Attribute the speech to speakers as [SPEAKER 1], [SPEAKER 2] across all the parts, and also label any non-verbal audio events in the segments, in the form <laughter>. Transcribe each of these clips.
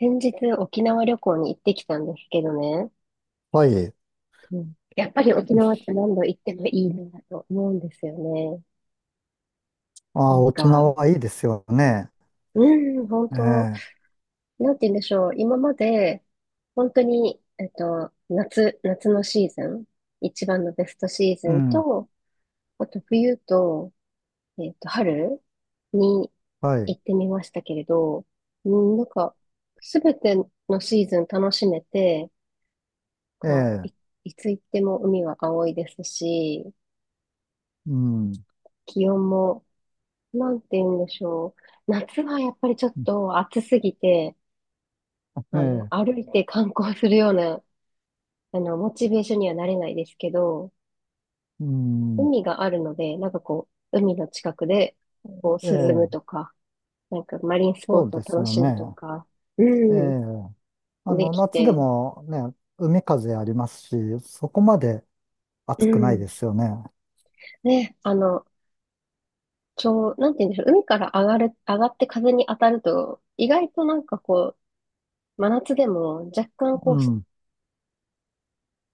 [SPEAKER 1] 先日沖縄旅行に行ってきたんですけどね。
[SPEAKER 2] はい。
[SPEAKER 1] うん、やっぱり沖縄って何度行ってもいいなと思うんですよね。な
[SPEAKER 2] あ、
[SPEAKER 1] ん
[SPEAKER 2] 沖
[SPEAKER 1] か、
[SPEAKER 2] 縄いいですよね。
[SPEAKER 1] うん、本
[SPEAKER 2] え
[SPEAKER 1] 当、
[SPEAKER 2] え、
[SPEAKER 1] なんて言うんでしょう。今まで、本当に、夏のシーズン、一番のベストシーズ
[SPEAKER 2] う
[SPEAKER 1] ン
[SPEAKER 2] ん。
[SPEAKER 1] と、あと冬と、春に
[SPEAKER 2] はい。
[SPEAKER 1] 行ってみましたけれど、うん、なんか、すべてのシーズン楽しめて、
[SPEAKER 2] え
[SPEAKER 1] か、い、
[SPEAKER 2] え、
[SPEAKER 1] いつ行っても海は青いですし、
[SPEAKER 2] うん。
[SPEAKER 1] 気温も、なんて言うんでしょう。夏はやっぱりちょっと暑すぎて、
[SPEAKER 2] ええ、
[SPEAKER 1] 歩いて観光するような、モチベーションにはなれないですけど、
[SPEAKER 2] うん。
[SPEAKER 1] 海があるので、海の近くで、
[SPEAKER 2] え
[SPEAKER 1] こう、涼むと
[SPEAKER 2] え、
[SPEAKER 1] か、なんかマリンスポ
[SPEAKER 2] そ
[SPEAKER 1] ー
[SPEAKER 2] う
[SPEAKER 1] ツを
[SPEAKER 2] です
[SPEAKER 1] 楽
[SPEAKER 2] よ
[SPEAKER 1] しむ
[SPEAKER 2] ね。
[SPEAKER 1] とか、う
[SPEAKER 2] ええ、
[SPEAKER 1] ん、
[SPEAKER 2] あ
[SPEAKER 1] で
[SPEAKER 2] の、
[SPEAKER 1] き
[SPEAKER 2] 夏で
[SPEAKER 1] て、
[SPEAKER 2] もね、海風ありますし、そこまで
[SPEAKER 1] う
[SPEAKER 2] 暑くない
[SPEAKER 1] ん。
[SPEAKER 2] ですよね。
[SPEAKER 1] ね、ちょう、なんて言うんでしょう、海から上がる、上がって風に当たると、意外となんかこう、真夏でも若干
[SPEAKER 2] う
[SPEAKER 1] こ
[SPEAKER 2] ん。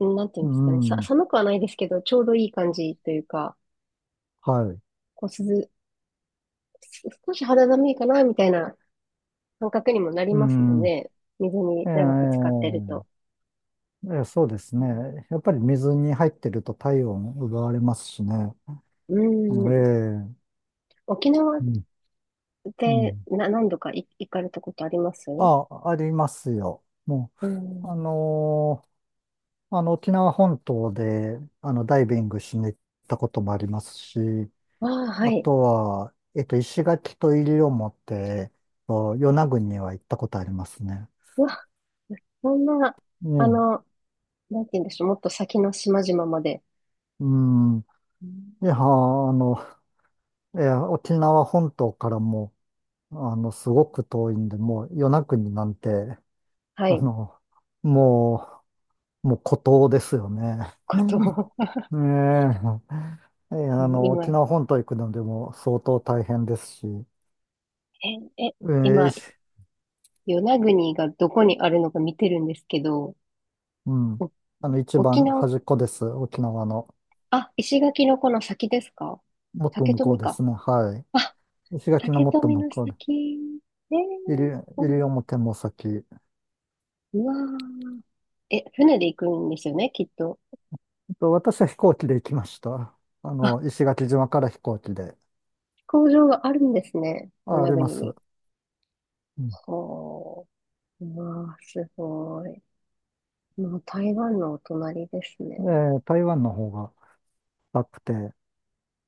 [SPEAKER 1] う、なんていうん
[SPEAKER 2] う
[SPEAKER 1] ですかね、
[SPEAKER 2] ん。
[SPEAKER 1] 寒くはないですけど、ちょうどいい感じというか、
[SPEAKER 2] はい。
[SPEAKER 1] こう、涼、少し肌寒いかな、みたいな感覚にもなり
[SPEAKER 2] う
[SPEAKER 1] ますもん
[SPEAKER 2] ん。
[SPEAKER 1] ね。水に
[SPEAKER 2] ええ、
[SPEAKER 1] 長く使ってると。
[SPEAKER 2] ええ、そうですね。やっぱり水に入ってると体温奪われますしね。
[SPEAKER 1] うん。う
[SPEAKER 2] え
[SPEAKER 1] ん。
[SPEAKER 2] え、
[SPEAKER 1] 沖縄っ
[SPEAKER 2] うん。う
[SPEAKER 1] て
[SPEAKER 2] ん。
[SPEAKER 1] 何度か行かれたことあります？
[SPEAKER 2] あ、ありますよ。も
[SPEAKER 1] う
[SPEAKER 2] う、
[SPEAKER 1] ん。
[SPEAKER 2] あの、沖縄本島で、あの、ダイビングしに行ったこともありますし、
[SPEAKER 1] ああ、は
[SPEAKER 2] あ
[SPEAKER 1] い。
[SPEAKER 2] とは、石垣と西表、与那国には行ったことありますね。
[SPEAKER 1] うわ、そんな、
[SPEAKER 2] う
[SPEAKER 1] あ
[SPEAKER 2] ん。
[SPEAKER 1] の、なんて言うんでしょう、もっと先の島々まで、
[SPEAKER 2] うん。
[SPEAKER 1] うん。
[SPEAKER 2] いや、あの、いや、沖縄本島からも、あの、すごく遠いんで、もう、与那国なんて、
[SPEAKER 1] は
[SPEAKER 2] あ
[SPEAKER 1] い、
[SPEAKER 2] の、ももう孤島ですよね。
[SPEAKER 1] ことを、
[SPEAKER 2] ええ <laughs> ええ、
[SPEAKER 1] <laughs>
[SPEAKER 2] あの、沖
[SPEAKER 1] 今、
[SPEAKER 2] 縄本島行くのでも相当大変ですし、
[SPEAKER 1] え、え、
[SPEAKER 2] ええ。
[SPEAKER 1] 今、与那国がどこにあるのか見てるんですけど、
[SPEAKER 2] うん。
[SPEAKER 1] お
[SPEAKER 2] あの、一
[SPEAKER 1] 沖
[SPEAKER 2] 番
[SPEAKER 1] 縄、
[SPEAKER 2] 端っこです。沖縄の。
[SPEAKER 1] あ、石垣のこの先ですか？
[SPEAKER 2] もっと
[SPEAKER 1] 竹
[SPEAKER 2] 向こ
[SPEAKER 1] 富
[SPEAKER 2] うで
[SPEAKER 1] か。
[SPEAKER 2] すね。は
[SPEAKER 1] あ、
[SPEAKER 2] い。石垣の
[SPEAKER 1] 竹
[SPEAKER 2] もっと
[SPEAKER 1] 富
[SPEAKER 2] 向
[SPEAKER 1] の
[SPEAKER 2] こう
[SPEAKER 1] 先。え
[SPEAKER 2] で。
[SPEAKER 1] ー、う
[SPEAKER 2] 西
[SPEAKER 1] ん。
[SPEAKER 2] 西表も先。
[SPEAKER 1] うわー。え、船で行くんですよね、きっと。
[SPEAKER 2] と私は飛行機で行きました。あ
[SPEAKER 1] あ、
[SPEAKER 2] の、石垣島から飛行機で。
[SPEAKER 1] 工場があるんですね、与
[SPEAKER 2] あ、あ
[SPEAKER 1] 那
[SPEAKER 2] りま
[SPEAKER 1] 国に。
[SPEAKER 2] す。うん。
[SPEAKER 1] ほー。うわー、すごい。もう台湾のお隣ですね。
[SPEAKER 2] え、台湾の方が高くて。う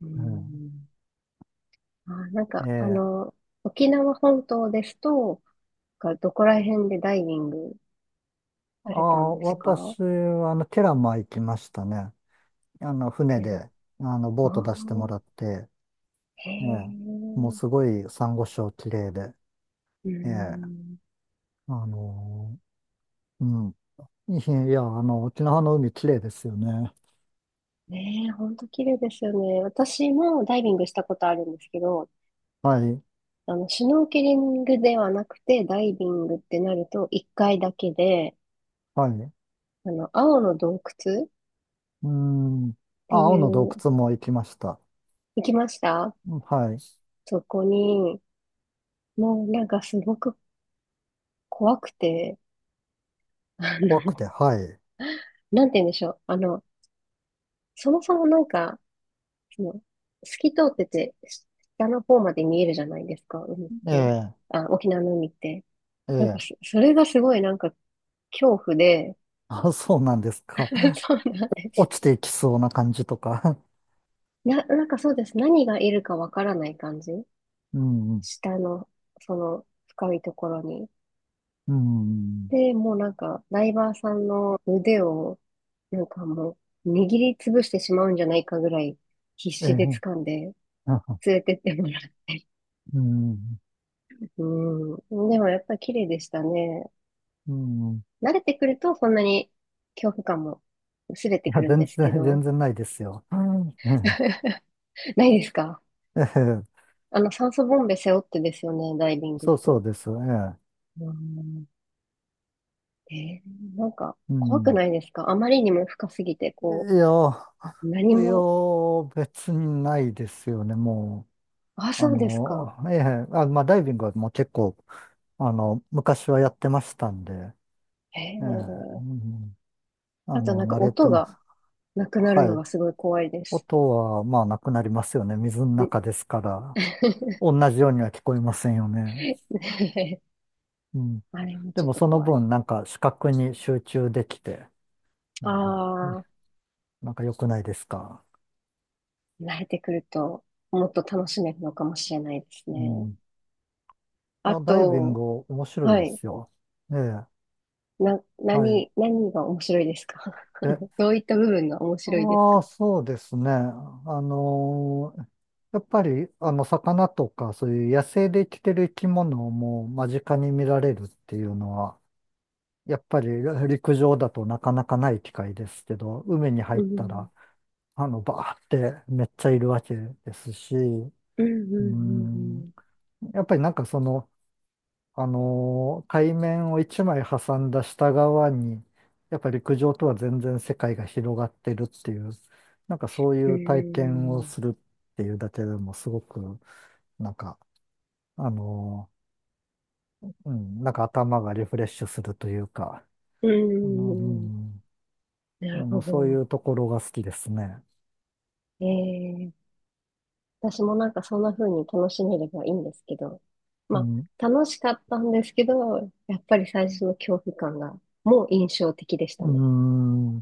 [SPEAKER 1] う
[SPEAKER 2] ん。
[SPEAKER 1] ん。あ、なん
[SPEAKER 2] え
[SPEAKER 1] か、
[SPEAKER 2] ー
[SPEAKER 1] 沖縄本島ですと、がどこら辺でダイビング
[SPEAKER 2] あー、
[SPEAKER 1] されたんですか？
[SPEAKER 2] 私は、あの、ケラマ行きましたね。あの、船
[SPEAKER 1] テラ、
[SPEAKER 2] で、あの、
[SPEAKER 1] あ
[SPEAKER 2] ボート出してもらっ
[SPEAKER 1] あ、
[SPEAKER 2] て、
[SPEAKER 1] へ
[SPEAKER 2] ええ、もう
[SPEAKER 1] え、
[SPEAKER 2] すごい珊瑚礁綺麗で、
[SPEAKER 1] う
[SPEAKER 2] ええ、
[SPEAKER 1] ん。
[SPEAKER 2] あのうん。いや、いや、あの、沖縄の海綺麗ですよね。
[SPEAKER 1] ねえ、ほんと綺麗ですよね。私もダイビングしたことあるんですけど、
[SPEAKER 2] はい、
[SPEAKER 1] シュノーケリングではなくて、ダイビングってなると、一回だけで、
[SPEAKER 2] はい。
[SPEAKER 1] 青の洞窟っ
[SPEAKER 2] うん。
[SPEAKER 1] て
[SPEAKER 2] あ、青
[SPEAKER 1] い
[SPEAKER 2] の洞
[SPEAKER 1] う、
[SPEAKER 2] 窟も行きました。
[SPEAKER 1] 行きました。
[SPEAKER 2] はい。
[SPEAKER 1] そこに、もうなんかすごく怖くて、あ
[SPEAKER 2] 怖く
[SPEAKER 1] の、
[SPEAKER 2] て、はい。
[SPEAKER 1] なんて言うんでしょう。そもそもその、透き通ってて、下の方まで見えるじゃないですか、海っ
[SPEAKER 2] え
[SPEAKER 1] て。
[SPEAKER 2] え、
[SPEAKER 1] あ、沖縄の海って。
[SPEAKER 2] ええ。
[SPEAKER 1] それがすごいなんか恐怖で、
[SPEAKER 2] あ、そうなんですか。
[SPEAKER 1] <laughs> そうなんです。
[SPEAKER 2] 落ちていきそうな感じとか。
[SPEAKER 1] なんかそうです。何がいるかわからない感じ。
[SPEAKER 2] うん、
[SPEAKER 1] 下の、その深いところに。
[SPEAKER 2] うん、
[SPEAKER 1] で、もうなんか、ダイバーさんの腕を、なんかもう、握りつぶしてしまうんじゃないかぐらい、必
[SPEAKER 2] え
[SPEAKER 1] 死で
[SPEAKER 2] え、
[SPEAKER 1] 掴んで、連れてってもらって。
[SPEAKER 2] うん、
[SPEAKER 1] うん。でもやっぱり綺麗でしたね。
[SPEAKER 2] うん。
[SPEAKER 1] 慣れてくるとそんなに恐怖感も薄れて
[SPEAKER 2] い
[SPEAKER 1] く
[SPEAKER 2] や、
[SPEAKER 1] るん
[SPEAKER 2] 全
[SPEAKER 1] ですけ
[SPEAKER 2] 然、<laughs> 全
[SPEAKER 1] ど、
[SPEAKER 2] 然ないですよ。うん。
[SPEAKER 1] <laughs> ないですか？
[SPEAKER 2] ええ、
[SPEAKER 1] 酸素ボンベ背負ってですよね、ダイビン
[SPEAKER 2] <laughs>
[SPEAKER 1] グっ
[SPEAKER 2] そうそ
[SPEAKER 1] て。
[SPEAKER 2] うです。ええ、
[SPEAKER 1] うん。えー、なんか
[SPEAKER 2] う
[SPEAKER 1] 怖く
[SPEAKER 2] ん。
[SPEAKER 1] ないですか？あまりにも深すぎて、
[SPEAKER 2] いや、
[SPEAKER 1] う、何
[SPEAKER 2] いや、
[SPEAKER 1] も、
[SPEAKER 2] 別にないですよね、も
[SPEAKER 1] あ、
[SPEAKER 2] う。あ
[SPEAKER 1] そうですか。
[SPEAKER 2] の、ええ、あ、まあ、ダイビングはもう結構、あの、昔はやってましたんで、
[SPEAKER 1] へえ。
[SPEAKER 2] ええ、うん。あ
[SPEAKER 1] あとな
[SPEAKER 2] の、
[SPEAKER 1] んか
[SPEAKER 2] 慣れて
[SPEAKER 1] 音
[SPEAKER 2] ます。
[SPEAKER 1] がなくなる
[SPEAKER 2] は
[SPEAKER 1] の
[SPEAKER 2] い。
[SPEAKER 1] がすごい怖いです。
[SPEAKER 2] 音は、まあ、なくなりますよね。水の
[SPEAKER 1] ん
[SPEAKER 2] 中ですから。
[SPEAKER 1] <laughs>
[SPEAKER 2] 同じようには聞こえませんよね。うん。
[SPEAKER 1] あれも
[SPEAKER 2] で
[SPEAKER 1] ちょっ
[SPEAKER 2] も、
[SPEAKER 1] と
[SPEAKER 2] その
[SPEAKER 1] 怖い。
[SPEAKER 2] 分、なんか、視覚に集中できて、なんか、
[SPEAKER 1] あ
[SPEAKER 2] ね、
[SPEAKER 1] あ、
[SPEAKER 2] なんか良くないですか。
[SPEAKER 1] 慣れてくるともっと楽しめるのかもしれないです
[SPEAKER 2] う
[SPEAKER 1] ね。
[SPEAKER 2] ん。い
[SPEAKER 1] あ
[SPEAKER 2] や、ダイビン
[SPEAKER 1] と、
[SPEAKER 2] グ面白い
[SPEAKER 1] は
[SPEAKER 2] で
[SPEAKER 1] い。
[SPEAKER 2] すよ。ええ、はい。
[SPEAKER 1] 何が面白いですか？
[SPEAKER 2] え、
[SPEAKER 1] <laughs> どういった部分が面白いです
[SPEAKER 2] あ
[SPEAKER 1] か？
[SPEAKER 2] あ、そうですね。やっぱり、あの、魚とか、そういう野生で生きてる生き物をもう間近に見られるっていうのは、やっぱり陸上だとなかなかない機会ですけど、海に入
[SPEAKER 1] う
[SPEAKER 2] った
[SPEAKER 1] ん。
[SPEAKER 2] ら、あの、バーってめっちゃいるわけですし、
[SPEAKER 1] うん、う
[SPEAKER 2] う
[SPEAKER 1] ん、う
[SPEAKER 2] ん、
[SPEAKER 1] ん、
[SPEAKER 2] やっぱりなんかその、海面を1枚挟んだ下側に、やっぱり陸上とは全然世界が広がってるっていう、なんかそうい
[SPEAKER 1] う
[SPEAKER 2] う体験を
[SPEAKER 1] ん。
[SPEAKER 2] するっていうだけでもすごく、なんか、あのうん、なんか頭がリフレッシュするというか、
[SPEAKER 1] うん。
[SPEAKER 2] あの、う
[SPEAKER 1] うん。
[SPEAKER 2] ん、
[SPEAKER 1] な
[SPEAKER 2] あ
[SPEAKER 1] るほ
[SPEAKER 2] のそうい
[SPEAKER 1] ど。
[SPEAKER 2] うところが好きですね。
[SPEAKER 1] えー、私もなんかそんな風に楽しめればいいんですけど、
[SPEAKER 2] う
[SPEAKER 1] ま
[SPEAKER 2] ん。
[SPEAKER 1] あ、楽しかったんですけど、やっぱり最初の恐怖感がもう印象的でし
[SPEAKER 2] う
[SPEAKER 1] た
[SPEAKER 2] ー
[SPEAKER 1] ね。
[SPEAKER 2] ん。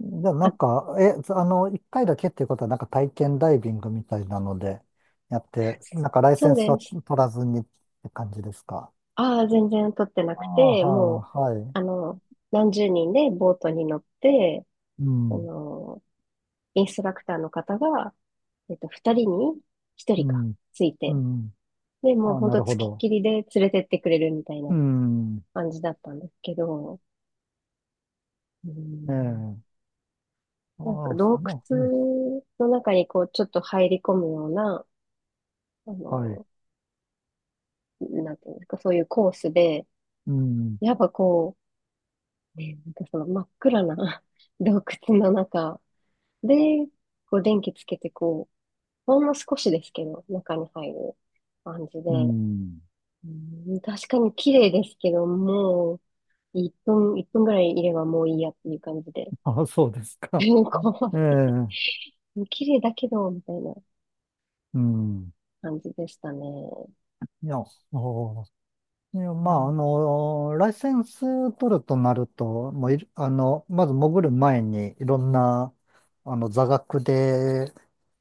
[SPEAKER 2] じゃあ
[SPEAKER 1] あ、
[SPEAKER 2] なんか、え、あの、1回だけっていうことは、なんか体験ダイビングみたいなのでやって、なんかライセ
[SPEAKER 1] そう
[SPEAKER 2] ンス
[SPEAKER 1] で
[SPEAKER 2] は
[SPEAKER 1] す。
[SPEAKER 2] 取らずにって感じですか。
[SPEAKER 1] ああ、全然撮ってな
[SPEAKER 2] あ
[SPEAKER 1] く
[SPEAKER 2] あ、
[SPEAKER 1] て、もう、
[SPEAKER 2] はあ、はい。
[SPEAKER 1] あの、何十人でボートに乗って、
[SPEAKER 2] う
[SPEAKER 1] あ
[SPEAKER 2] ん、
[SPEAKER 1] の、インストラクターの方が、二人に一
[SPEAKER 2] う
[SPEAKER 1] 人か、
[SPEAKER 2] ん、
[SPEAKER 1] つい
[SPEAKER 2] う
[SPEAKER 1] て、
[SPEAKER 2] ん。
[SPEAKER 1] で、もう
[SPEAKER 2] ああ、
[SPEAKER 1] ほん
[SPEAKER 2] な
[SPEAKER 1] と
[SPEAKER 2] るほ
[SPEAKER 1] つきっ
[SPEAKER 2] ど。
[SPEAKER 1] きりで連れてってくれるみたい
[SPEAKER 2] う
[SPEAKER 1] な
[SPEAKER 2] ん、
[SPEAKER 1] 感じだったんですけど、う
[SPEAKER 2] え
[SPEAKER 1] ん、
[SPEAKER 2] え。あ
[SPEAKER 1] なんか
[SPEAKER 2] あ、そ
[SPEAKER 1] 洞
[SPEAKER 2] の、うん、
[SPEAKER 1] 窟の中にこう、ちょっと入り込むような、あ
[SPEAKER 2] はい。
[SPEAKER 1] の、なんていうんですか、そういうコースで、
[SPEAKER 2] うん、
[SPEAKER 1] やっぱこう、ね、なんかその真っ暗な <laughs> 洞窟の中で、こう電気つけてこう、ほんの少しですけど、中に入る感じで、
[SPEAKER 2] うん。
[SPEAKER 1] うん、確かに綺麗ですけど、もう、1分、一分ぐらいいればもういいやっていう感じで。
[SPEAKER 2] ああ、そうですか。
[SPEAKER 1] <laughs> こ
[SPEAKER 2] ええ、
[SPEAKER 1] う、綺麗だけど、みたいな
[SPEAKER 2] うん。
[SPEAKER 1] 感じでしたね。
[SPEAKER 2] いや、ああ、いや、
[SPEAKER 1] う
[SPEAKER 2] まあ、あ
[SPEAKER 1] ん。
[SPEAKER 2] の、ライセンス取るとなると、もういる、あの、まず潜る前に、いろんな、あの、座学で、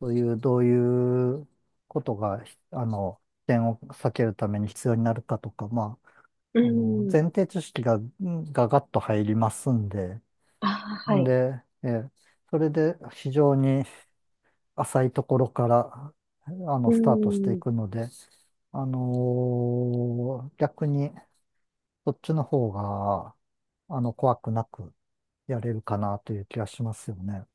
[SPEAKER 2] そういう、どういうことが、ひあの、危険を避けるために必要になるかとか、ま
[SPEAKER 1] う
[SPEAKER 2] あ、あの、
[SPEAKER 1] ん。
[SPEAKER 2] 前提知識が、ガッと入りますんで、
[SPEAKER 1] ああ、は
[SPEAKER 2] ん
[SPEAKER 1] い。
[SPEAKER 2] で、それで、非常に浅いところから、あ
[SPEAKER 1] う
[SPEAKER 2] の、スタートしてい
[SPEAKER 1] ん。
[SPEAKER 2] くので、あの逆に、そっちの方が、あの、怖くなくやれるかなという気がしますよね。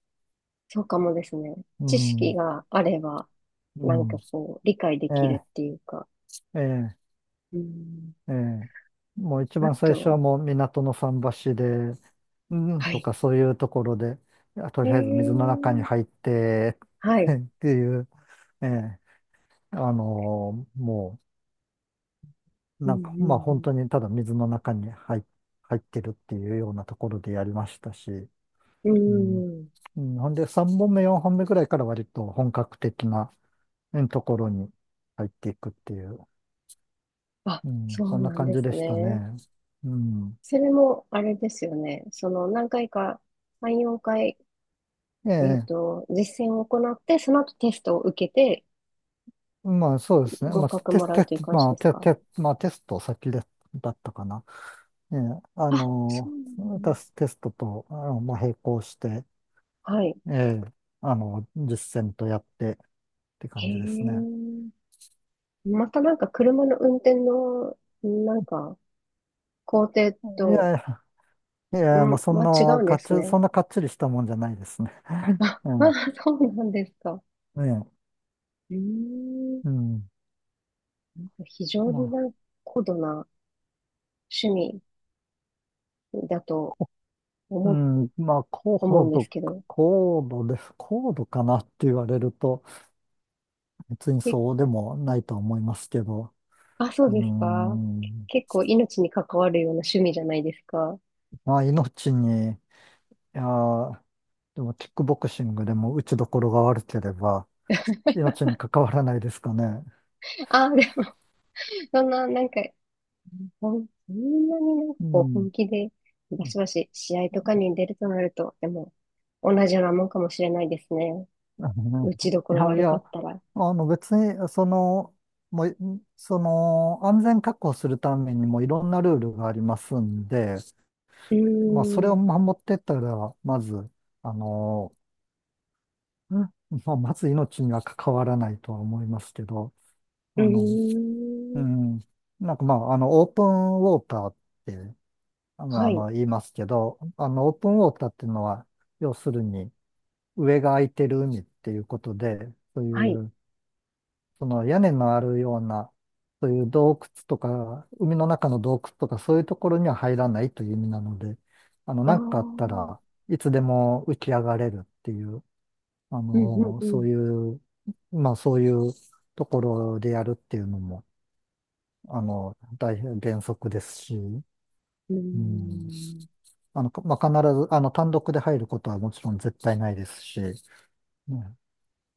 [SPEAKER 1] そうかもですね。
[SPEAKER 2] う
[SPEAKER 1] 知識
[SPEAKER 2] ん、
[SPEAKER 1] があれば、
[SPEAKER 2] う
[SPEAKER 1] なんか
[SPEAKER 2] ん。
[SPEAKER 1] こう、理解で
[SPEAKER 2] え
[SPEAKER 1] きる
[SPEAKER 2] え、
[SPEAKER 1] っていうか。
[SPEAKER 2] ええ、
[SPEAKER 1] うん。
[SPEAKER 2] ええ。もう一
[SPEAKER 1] あ
[SPEAKER 2] 番最初は
[SPEAKER 1] と、
[SPEAKER 2] もう港の桟橋で、うん
[SPEAKER 1] は
[SPEAKER 2] と
[SPEAKER 1] い。
[SPEAKER 2] かそういうところで、いやと
[SPEAKER 1] え
[SPEAKER 2] りあえず水の中に
[SPEAKER 1] ー、
[SPEAKER 2] 入って
[SPEAKER 1] は
[SPEAKER 2] <laughs>
[SPEAKER 1] い。
[SPEAKER 2] っていう、ええ、あのもう、
[SPEAKER 1] う
[SPEAKER 2] なんか、まあ本当
[SPEAKER 1] ん、
[SPEAKER 2] にただ水の中に入ってるっていうようなところでやりましたし、
[SPEAKER 1] うん、う
[SPEAKER 2] うん。
[SPEAKER 1] ん。うん。
[SPEAKER 2] うん。ほんで、3本目、4本目くらいから割と本格的なうんところに入っていくっていう、
[SPEAKER 1] あ、
[SPEAKER 2] うん、
[SPEAKER 1] そ
[SPEAKER 2] そ
[SPEAKER 1] う
[SPEAKER 2] んな
[SPEAKER 1] なん
[SPEAKER 2] 感
[SPEAKER 1] で
[SPEAKER 2] じ
[SPEAKER 1] す
[SPEAKER 2] でした
[SPEAKER 1] ね。
[SPEAKER 2] ね。うん。
[SPEAKER 1] それも、あれですよね。その、何回か、3、4回、
[SPEAKER 2] ええ、
[SPEAKER 1] 実践を行って、その後テストを受けて、
[SPEAKER 2] まあそうですね。
[SPEAKER 1] 合
[SPEAKER 2] まあ、
[SPEAKER 1] 格
[SPEAKER 2] テ
[SPEAKER 1] も
[SPEAKER 2] ス
[SPEAKER 1] らう
[SPEAKER 2] テ
[SPEAKER 1] という感じ
[SPEAKER 2] ま
[SPEAKER 1] で
[SPEAKER 2] あ、
[SPEAKER 1] す
[SPEAKER 2] テ、
[SPEAKER 1] か？
[SPEAKER 2] テ、まあ、テスト先で、だったかな。ええ、あ
[SPEAKER 1] あ、そう
[SPEAKER 2] の、
[SPEAKER 1] なんだ。
[SPEAKER 2] 私テストと、あの、まあ、並行して、
[SPEAKER 1] はい。
[SPEAKER 2] ええ、あの、実践とやってって
[SPEAKER 1] へ
[SPEAKER 2] 感じですね。
[SPEAKER 1] え。またなんか、車の運転の、なんか、工程
[SPEAKER 2] い
[SPEAKER 1] と、
[SPEAKER 2] やいや、い
[SPEAKER 1] う
[SPEAKER 2] や、
[SPEAKER 1] ん、
[SPEAKER 2] まあ、そん
[SPEAKER 1] は違う
[SPEAKER 2] な、
[SPEAKER 1] ん
[SPEAKER 2] か
[SPEAKER 1] で
[SPEAKER 2] っ
[SPEAKER 1] す
[SPEAKER 2] ち、
[SPEAKER 1] ね。
[SPEAKER 2] そんなかっちりしたもんじゃないですね。
[SPEAKER 1] あ、
[SPEAKER 2] う
[SPEAKER 1] <laughs>
[SPEAKER 2] ん。
[SPEAKER 1] あ、そうなんですか。
[SPEAKER 2] ええ。
[SPEAKER 1] うーん。
[SPEAKER 2] うん。
[SPEAKER 1] 非常
[SPEAKER 2] ま
[SPEAKER 1] に
[SPEAKER 2] あ、
[SPEAKER 1] なんか高度な趣味だと
[SPEAKER 2] こ、う
[SPEAKER 1] 思う、
[SPEAKER 2] ん。まあ、
[SPEAKER 1] 思うんです
[SPEAKER 2] 度、
[SPEAKER 1] けど、っ
[SPEAKER 2] 高度です。高度かなって言われると、別に
[SPEAKER 1] て
[SPEAKER 2] そうでもないとは思いますけど。
[SPEAKER 1] あ、そう
[SPEAKER 2] う
[SPEAKER 1] ですか。
[SPEAKER 2] ん。
[SPEAKER 1] 結構命に関わるような趣味じゃないですか。
[SPEAKER 2] まあ、命に、いやー、でも、キックボクシングでも打ちどころが悪ければ、命に関わらないですかね。
[SPEAKER 1] あ、でも、<laughs> そんな、なんか、ほん、そんなになんか
[SPEAKER 2] う
[SPEAKER 1] こう
[SPEAKER 2] ん。
[SPEAKER 1] 本気で、バシバシ試合とかに出るとなると、でも、同じようなもんかもしれないですね。
[SPEAKER 2] あの
[SPEAKER 1] 打
[SPEAKER 2] ね。
[SPEAKER 1] ちどこ
[SPEAKER 2] い
[SPEAKER 1] ろ
[SPEAKER 2] やい
[SPEAKER 1] 悪か
[SPEAKER 2] や、
[SPEAKER 1] ったら。
[SPEAKER 2] あの別に、その、もう、その、安全確保するためにもいろんなルールがありますんで、
[SPEAKER 1] うー
[SPEAKER 2] まあ、それを
[SPEAKER 1] ん、
[SPEAKER 2] 守ってったら、まず、あの、うんまあ、まず命には関わらないとは思いますけど、
[SPEAKER 1] う
[SPEAKER 2] あの、
[SPEAKER 1] ー
[SPEAKER 2] う
[SPEAKER 1] ん、
[SPEAKER 2] ん、なんかまあ、あの、オープンウォーターって、あの、
[SPEAKER 1] は
[SPEAKER 2] あ
[SPEAKER 1] い、
[SPEAKER 2] の言いますけど、あの、オープンウォーターっていうのは、要するに、上が空いてる海っていうことで、そうい
[SPEAKER 1] はい。
[SPEAKER 2] うその屋根のあるような、そういう洞窟とか、海の中の洞窟とか、そういうところには入らないという意味なので、あの、
[SPEAKER 1] ああ、
[SPEAKER 2] なんかあった
[SPEAKER 1] うん、
[SPEAKER 2] らいつでも浮き上がれるっていう、あ
[SPEAKER 1] うん、う
[SPEAKER 2] の、そう
[SPEAKER 1] ん。
[SPEAKER 2] いう、まあそういうところでやるっていうのも、あの、大変原則ですし、
[SPEAKER 1] うー
[SPEAKER 2] うん。
[SPEAKER 1] ん、
[SPEAKER 2] あの、まあ、必ず、あの、単独で入ることはもちろん絶対ないですし、ね、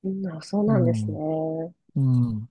[SPEAKER 1] うん、あ、そう
[SPEAKER 2] う
[SPEAKER 1] なんですね。
[SPEAKER 2] ん、うん。